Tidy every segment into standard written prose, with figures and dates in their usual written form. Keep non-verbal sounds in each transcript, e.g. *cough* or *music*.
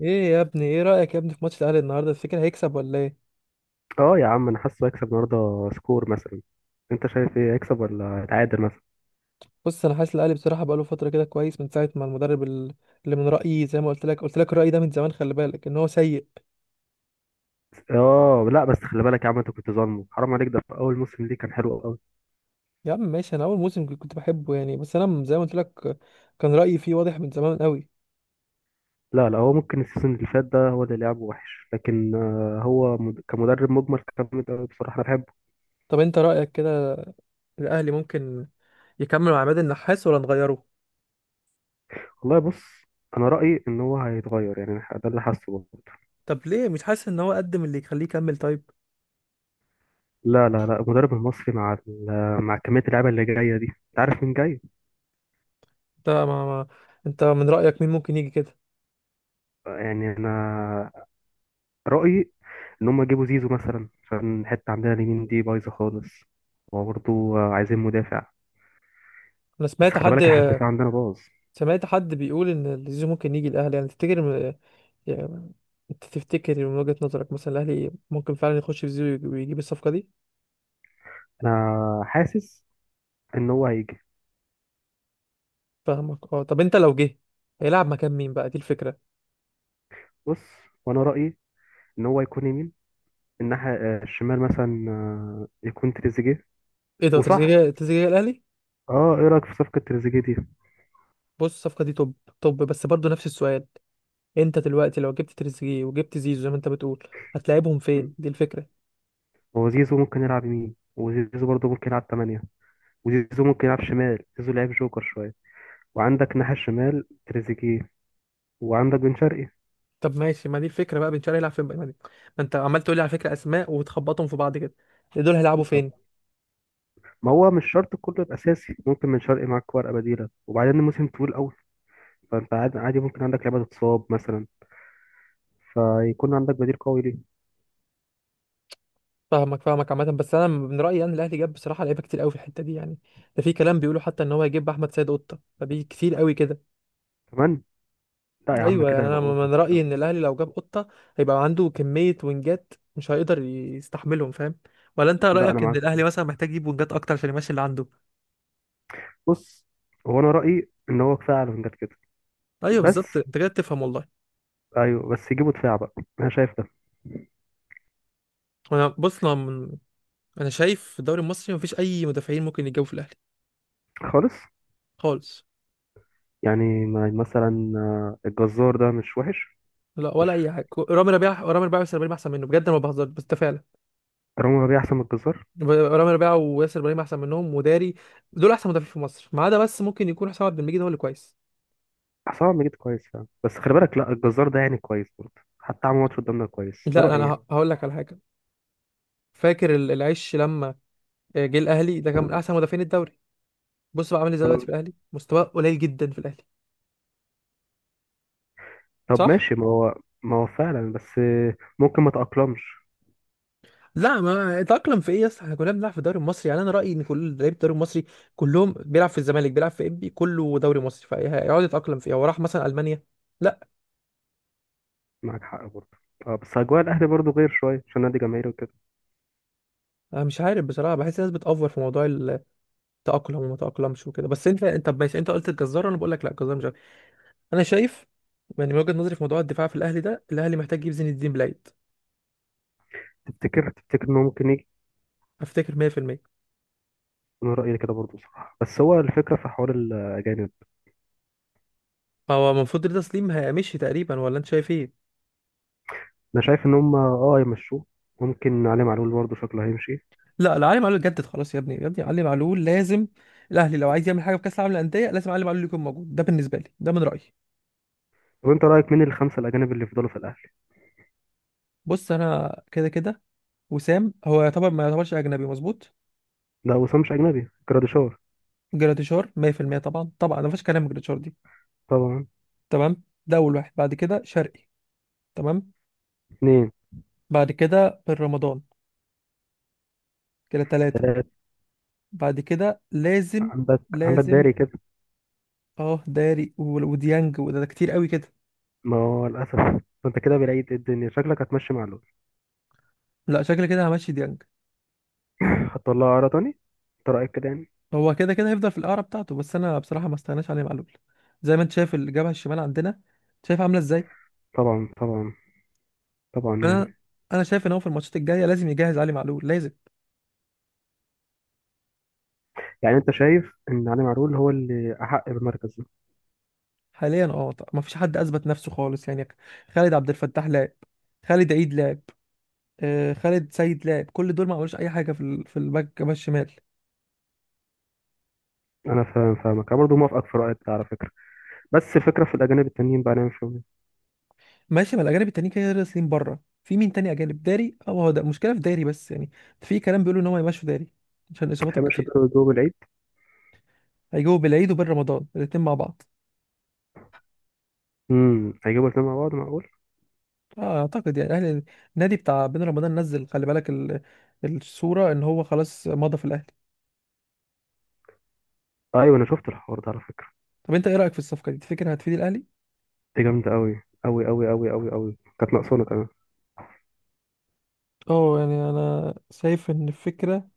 ايه يا ابني، ايه رأيك يا ابني في ماتش الاهلي النهارده؟ تفتكر هيكسب ولا ايه؟ اه يا عم، انا حاسه هيكسب النهارده سكور مثلا. انت شايف ايه، هيكسب ولا هيتعادل مثلا؟ بص، انا حاسس الاهلي بصراحة بقاله فترة كده كويس من ساعة ما المدرب اللي من رأيي زي ما قلت لك الرأي ده من زمان. خلي بالك ان هو سيء. اه لا، بس خلي بالك يا عم، انت كنت ظالمه، حرام عليك، ده في اول موسم ليه كان حلو قوي. يا عم ماشي، انا اول موسم كنت بحبه يعني، بس انا زي ما قلت لك كان رأيي فيه واضح من زمان قوي. لا لا، هو ممكن السيزون اللي فات ده هو اللي لعبه وحش، لكن هو كمدرب مجمل كان جامد قوي بصراحه، انا بحبه. طب انت رأيك كده الاهلي ممكن يكمل مع عماد النحاس ولا نغيره؟ والله بص، انا رايي ان هو هيتغير، يعني ده اللي حاسه برضه. طب ليه مش حاسس ان هو قدم اللي يخليه يكمل طيب؟ لا لا لا، المدرب المصري مع مع كميه اللعيبه اللي جايه دي، انت عارف مين جاي. انت ما, ما انت من رأيك مين ممكن يجي كده؟ يعني انا رأيي إن هم يجيبوا زيزو مثلا، عشان الحتة عندنا اليمين دي بايظة خالص، وبرضه عايزين مدافع، انا بس سمعت خلي حد بالك احنا الدفاع عندنا باظ. سمعت حد بيقول ان زيزو ممكن يجي الاهلي، يعني تفتكر؟ يعني انت تفتكر من وجهة نظرك مثلا الاهلي ممكن فعلا يخش في زيرو ويجيب الصفقة دي؟ أنا حاسس إن هو هيجي. فاهمك اه. طب انت لو جه هيلعب مكان مين بقى؟ دي الفكرة. بص، وأنا رأيي إن هو يكون يمين الناحية، الشمال مثلا يكون تريزيجيه. ايه ده؟ وصح، تريزيجيه؟ تريزيجيه الاهلي؟ اه ايه رأيك في صفقة تريزيجيه دي؟ بص الصفقة دي توب توب، بس برضو نفس السؤال. انت دلوقتي لو جبت تريزيجيه وجبت زيزو زي ما انت بتقول، هتلاعبهم فين؟ دي الفكرة. هو زيزو ممكن يلعب يمين، وزيزو برضه ممكن يلعب تمانية، وزيزو ممكن يلعب شمال. زيزو لعيب جوكر شوية، وعندك ناحية الشمال تريزيجيه، وعندك بن شرقي. طب ماشي، ما دي الفكرة بقى، بن شرقي هيلعب فين بقى؟ ما انت عمال تقول لي على فكرة اسماء وتخبطهم في بعض كده، دول هيلعبوا فين؟ ما هو مش شرط كله يبقى اساسي، ممكن من شرقي معاك ورقه بديله، وبعدين الموسم طويل قوي، فانت عادي ممكن عندك لعبه تتصاب مثلا، فيكون عندك بديل قوي ليه. فاهمك فاهمك. عامة بس أنا من رأيي أن الأهلي جاب بصراحة لعيبة كتير قوي في الحتة دي يعني. ده في كلام بيقولوا حتى إن هو هيجيب أحمد سيد قطة، فدي كتير قوي كده. كمان لا يا عم، أيوه، كده يعني أنا يبقى اوفر من رأيي كده. إن الأهلي لو جاب قطة هيبقى عنده كمية وينجات مش هيقدر يستحملهم، فاهم؟ ولا أنت لا انا رأيك إن معاك، الأهلي مثلا محتاج يجيب وينجات أكتر عشان يمشي اللي عنده؟ بص، هو انا رايي ان هو كفايه على فنجان كده، أيوه بس بالظبط، أنت كده بتفهم والله. ايوه بس يجيبوا دفاع بقى، انا شايف ده. أنا بص، أنا شايف في الدوري المصري مفيش أي مدافعين ممكن يتجابوا في الأهلي. خالص، خالص. يعني مثلا الجزار ده مش وحش. لا، مش، ولا أي حاجة. رامي ربيعة، رامي ربيعة بس أحسن منه بجد، أنا ما بهزرش، بس ده فعلا. رامي ربيعه احسن من الجزار. رامي ربيعه وياسر ابراهيم احسن منهم وداري، دول احسن مدافعين في مصر، ما عدا بس ممكن يكون حسام عبد المجيد هو اللي كويس. حسام عبد المجيد كويس فعلا، بس خلي بالك لا، الجزار ده يعني كويس برضه، حتى عمل ماتش قدامنا كويس، ده لا انا رايي. هقول لك على حاجه. فاكر العش لما جه الاهلي ده كان من احسن مدافعين الدوري. بص بقى عامل ازاي دلوقتي يعني في الاهلي، مستواه قليل جدا في الاهلي. طب صح. ماشي، ما هو فعلا، بس ممكن ما تأقلمش. لا، ما اتأقلم في ايه يا اسطى، احنا كلنا بنلعب في الدوري المصري، يعني انا رأيي ان كل لعيبه الدوري المصري كلهم بيلعب في الزمالك، بيلعب في انبي، كله دوري مصري، فهيقعد يتأقلم في ايه؟ هو راح مثلا المانيا؟ لا. معاك حق برضه، اه بس أجواء الأهلي برضه غير شوية عشان نادي جماهيري وكده. انا مش عارف بصراحه، بحس الناس بتأفور في موضوع تأقلم وما تأقلمش وكده، بس انت طب ماشي، انت قلت الجزار وانا بقول لك لا، الجزار مش عارف. انا شايف، يعني من وجهة نظري في موضوع الدفاع في الاهلي ده الاهلي محتاج يجيب زين الدين بلايد. تفتكر إنه ممكن يجي؟ افتكر 100%. أنا رأيي كده برضه صراحة، بس هو الفكرة في حوار الأجانب. هو المفروض رضا سليم هيمشي تقريبا ولا انت شايف ايه؟ أنا شايف إن هم اه يمشوه، ممكن علي معلول برضه شكله هيمشي. لا لا، علي معلول جدد خلاص يا ابني يا ابني، علي معلول لازم. الاهلي لو عايز يعمل حاجه في كاس العالم للانديه لازم علي معلول يكون موجود، ده بالنسبه لي، ده من رايي. طب أنت رأيك مين الخمسة الأجانب اللي يفضلوا في الأهلي؟ بص، انا كده كده وسام هو يعتبر ما يعتبرش اجنبي مظبوط. لا وسام مش أجنبي، جراديشار جراتيشار 100%، طبعا طبعا، ما فيش كلام، جراتيشار دي. طبعا، تمام، ده اول واحد. بعد كده شرقي، تمام. اتنين، بعد كده بالرمضان، كده ثلاثة. تلاتة، بعد كده لازم. عندك لازم. داري كده. اه داري وديانج، وده كتير قوي كده. ما هو للأسف، أنت كده بلاقي الدنيا شكلك هتمشي معلول، لا، شكل كده همشي ديانج. هتطلعه عرض تاني، أنت رأيك كده يعني؟ هو كده كده هيفضل في القارة بتاعته، بس انا بصراحة ما استغناش عليه معلول، زي ما انت شايف الجبهة الشمال عندنا، شايف عاملة ازاي. طبعا طبعا، طبعا يعني. انا انا شايف ان هو في الماتشات الجاية لازم يجهز علي معلول، لازم. يعني انت شايف ان علي معلول هو اللي احق بالمركز ده؟ حاليا اه، طب ما فيش حد اثبت نفسه خالص يعني. خالد عبد الفتاح لعب، خالد عيد لعب، خالد سيد لعب، كل دول ما عملوش اي حاجة في الباك الشمال. انا فاهم، فاهمك، انا برضه موافقك في رايك ده على فكره، بس الفكره في الاجانب التانيين بقى نعمل فيهم ايه؟ ماشي، ما الاجانب التانيين كده كده راسلين بره، في مين تاني اجانب؟ داري، اه، هو ده المشكله في داري بس يعني، في كلام بيقولوا ان هو يمشوا داري عشان اصاباته هيبقى كتير. شدوا جوه بالعيد. هيجوا بالعيد وبين رمضان الاتنين مع بعض. هيجيبوا الاثنين مع بعض، معقول؟ اه اعتقد يعني اهل النادي بتاع بين رمضان نزل، خلي بالك الصوره ان هو خلاص مضى في الاهلي. ايوه، انا شفت الحوار ده على فكره. طب انت ايه رايك في الصفقه دي؟ تفتكر هتفيد الاهلي؟ دي جامده قوي قوي قوي قوي قوي قوي، كانت ناقصانا كمان. اه يعني انا شايف ان الفكره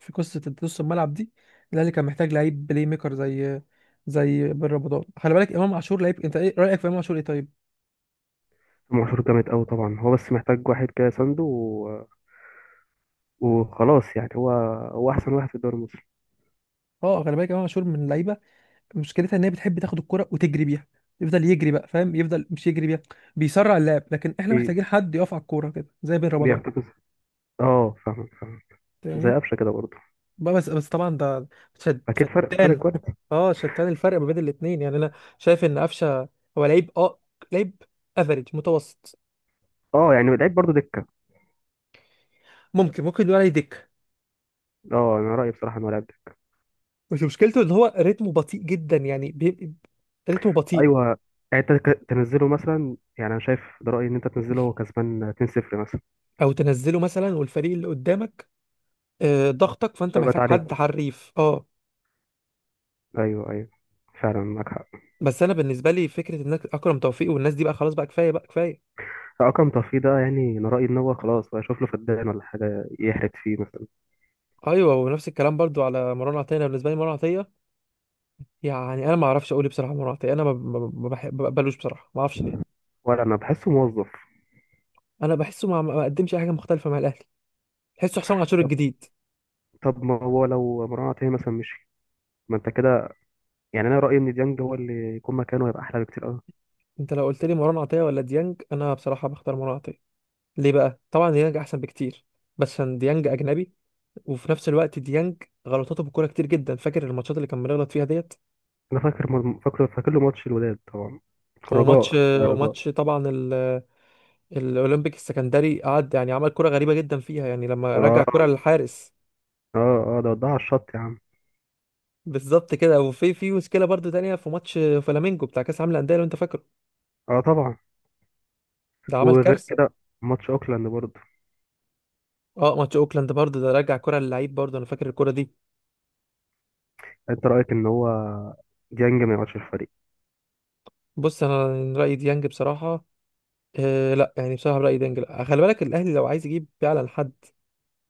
في قصه نص الملعب دي، الاهلي كان محتاج لعيب بلاي ميكر، زي بن رمضان. خلي بالك امام عاشور لعيب، انت ايه رايك في امام عاشور، ايه طيب؟ امام عاشور جامد قوي طبعا، هو بس محتاج واحد كده سنده وخلاص، يعني هو احسن واحد في الدوري المصري. اه، خلي بالك امام عاشور من اللعيبه، مشكلتها ان هي بتحب تاخد الكرة وتجري بيها، يفضل يجري بقى، فاهم؟ يفضل مش يجري بيها، بيسرع اللعب، لكن احنا ايه محتاجين حد يقف على الكوره كده زي بين رمضان، بيحتفظ، اه فاهمك فاهمك، زي فاهمني؟ قفشه كده برضه. بقى بس طبعا ده شد اكيد فرق فرق فتان. كواليتي. اه شتان الفرق ما بين الاثنين، يعني انا شايف ان قفشه هو لعيب افريج متوسط. اه يعني لعيب برضه. ممكن نقول عليه دك. اه انا رايي بصراحه انه لاعب. بس مشكلته ان هو رتمه بطيء جدا، يعني رتمه بطيء. ايوه، يعني انت تنزله مثلا، يعني انا شايف ده رايي ان انت تنزله وهو كسبان 2-0 مثلا، او تنزله مثلا والفريق اللي قدامك ضغطك، فانت لو جت محتاج حد عليك. حريف اه. ايوه ايوه، فعلا معاك حق. بس انا بالنسبه لي فكره انك اكرم توفيق والناس دي بقى خلاص، بقى كفايه بقى كفايه. رقم طفي ده يعني انا رايي ان هو خلاص بقى، اشوف له فدان ولا حاجه يحرق فيه مثلا. ايوه، ونفس الكلام برضو على مروان عطيه. أنا بالنسبه لي مروان عطيه، يعني انا ما اعرفش اقول إيه بصراحه. مروان عطيه، انا ما بقبلوش بصراحه، ما اعرفش ليه. ولا انا بحسه موظف. انا بحسه ما قدمش اي حاجه مختلفه مع الاهلي، بحسه حسام عاشور طب الجديد. طب ما هو لو مروان عطيه مثلا مشي، ما انت كده، يعني انا رايي ان ديانج هو اللي يكون مكانه هيبقى احلى بكتير قوي. انت لو قلت لي مروان عطيه ولا ديانج، انا بصراحه بختار مروان عطيه. ليه بقى؟ طبعا ديانج احسن بكتير، بس عشان ديانج اجنبي، وفي نفس الوقت ديانج غلطاته في الكوره كتير جدا، فاكر الماتشات اللي كان بيغلط فيها ديت؟ انا فاكر م- فاكر فاكر له ماتش الوداد طبعا، وماتش الرجاء، لا رجاء. وماتش طبعا الاولمبيك السكندري قعد، يعني عمل كرة غريبة جدا فيها، يعني لما رجع اه الكرة للحارس. اه اه، ده ودها على الشط يا عم. بالظبط كده، وفي مشكلة برضو تانية في ماتش فلامينجو بتاع كأس العالم للأندية لو انت فاكره. اه طبعا. ده عمل وغير كارثة. كده ماتش اوكلاند برضه. اه، ماتش اوكلاند برضو، ده رجع كرة للعيب برضو، انا فاكر الكرة دي. انت رايك ان هو ديانج ما يقعدش في الفريق؟ بص انا رأيي ديانج بصراحة، لا يعني بصراحة رأيي ديانج لا، خلي بالك الاهلي لو عايز يجيب فعلا حد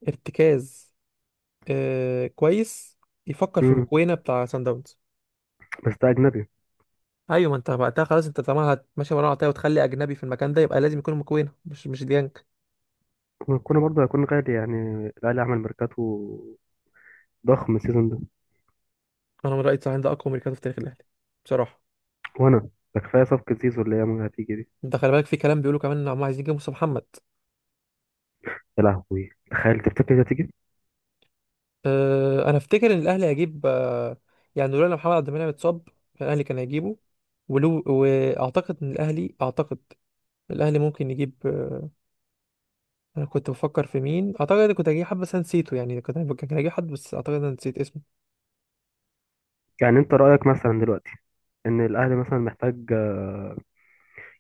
ارتكاز كويس، يفكر في مم. مكوينة بتاع سان داونز. بس ده اجنبي. ايوه، ما انت وقتها خلاص، انت طالما هتمشي مروان عطيه وتخلي اجنبي في المكان ده يبقى لازم يكون مكوينة مش ديانج. كنا برضه هيكون غالي يعني، الاهلي عمل ميركاتو ضخم السيزون ده. انا من رايي التسعين ده اقوى ميركاتو في تاريخ الاهلي بصراحه. وانا ده كفايه صفقه زيزو اللي هي هتيجي دي. انت خلي بالك، في كلام بيقولوا كمان ان هم عايزين يجيبوا مصطفى محمد. يا لهوي تخيل، تفتكر دي هتيجي؟ أه انا افتكر ان الاهلي هيجيب أه، يعني لولا ان محمد عبد المنعم اتصاب كان الاهلي كان هيجيبه، ولو واعتقد ان الاهلي اعتقد الاهلي ممكن يجيب أه. انا كنت بفكر في مين، اعتقد إن كنت هجيب حد بس أنا نسيته، يعني كان هجيب حد بس اعتقد إن انا نسيت اسمه. يعني انت رايك مثلا دلوقتي ان الاهلي مثلا محتاج،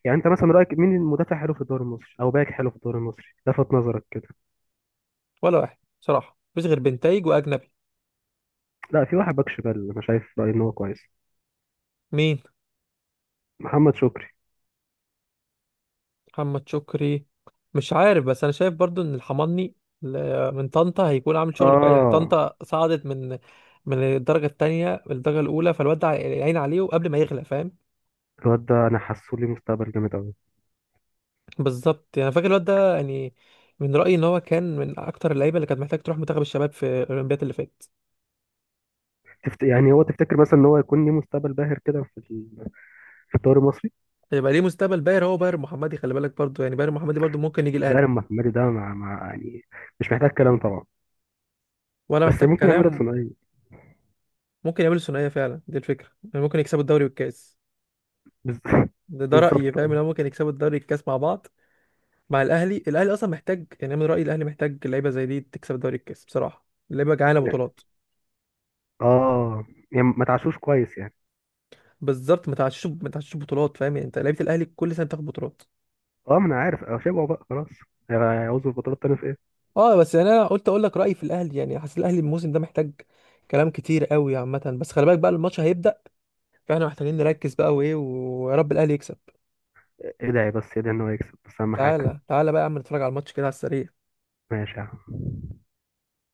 يعني انت مثلا رايك مين المدافع حلو في الدوري المصري او باك حلو في الدوري المصري لفت نظرك كده؟ ولا واحد بصراحه، مفيش غير بنتايج واجنبي. لا في واحد باك شمال انا شايف رايي ان هو كويس. مين؟ محمد شكري. محمد شكري؟ مش عارف، بس انا شايف برضو ان الحماني من طنطا هيكون عامل شغل كويس، يعني اه، طنطا صعدت من الدرجه الثانيه للدرجه الاولى، فالواد ده عين عليه وقبل ما يغلى، فاهم؟ الواد ده انا حاسه لي مستقبل جامد قوي. بالظبط، يعني فاكر الواد ده يعني، من رايي ان هو كان من اكتر اللعيبه اللي كانت محتاج تروح منتخب الشباب في الاولمبياد اللي فاتت. يعني هو تفتكر مثلا ان هو يكون ليه مستقبل باهر كده في في الدوري المصري؟ هيبقى ليه مستقبل باهر. هو باهر محمدي، خلي بالك برضو، يعني باهر محمدي برضو ممكن يجي الاهلي. باهر محمدي ده مع يعني مش محتاج كلام طبعا. ولا بس محتاج ممكن يعملها في كلام. ثنائيه. ممكن يعملوا ثنائيه فعلا، دي الفكره، يعني ممكن يكسبوا الدوري والكاس. بز... *laughs* ده رايي، بالظبط فاهم ان اه. هو ممكن يكسبوا الدوري والكاس مع بعض. مع الاهلي. الاهلي اصلا محتاج، يعني أنا من رايي الاهلي محتاج لعيبه زي دي تكسب دوري الكاس، بصراحه لعيبه جعانه بطولات. اه يعني ما تعشوش كويس يعني. بالظبط، ما تعشش ما تعشش بطولات، فاهم؟ يعني انت لعيبه الاهلي كل سنه بتاخد بطولات. اه ما انا عارف، اه شبعوا بقى خلاص، هيعوزوا البطولات تاني في ايه. اه بس يعني انا قلت اقول لك رايي في الاهلي، يعني حاسس الاهلي الموسم ده محتاج كلام كتير قوي عامه، بس خلي بالك بقى الماتش هيبدا، فاحنا محتاجين نركز بقى وايه، ويا رب الاهلي يكسب. إيه، ادعي بس ادعي ان هو يكسب بس اهم حاجه. تعالى تعالى بقى يا عم نتفرج على الماتش كده على السريع. ماشي يا عم.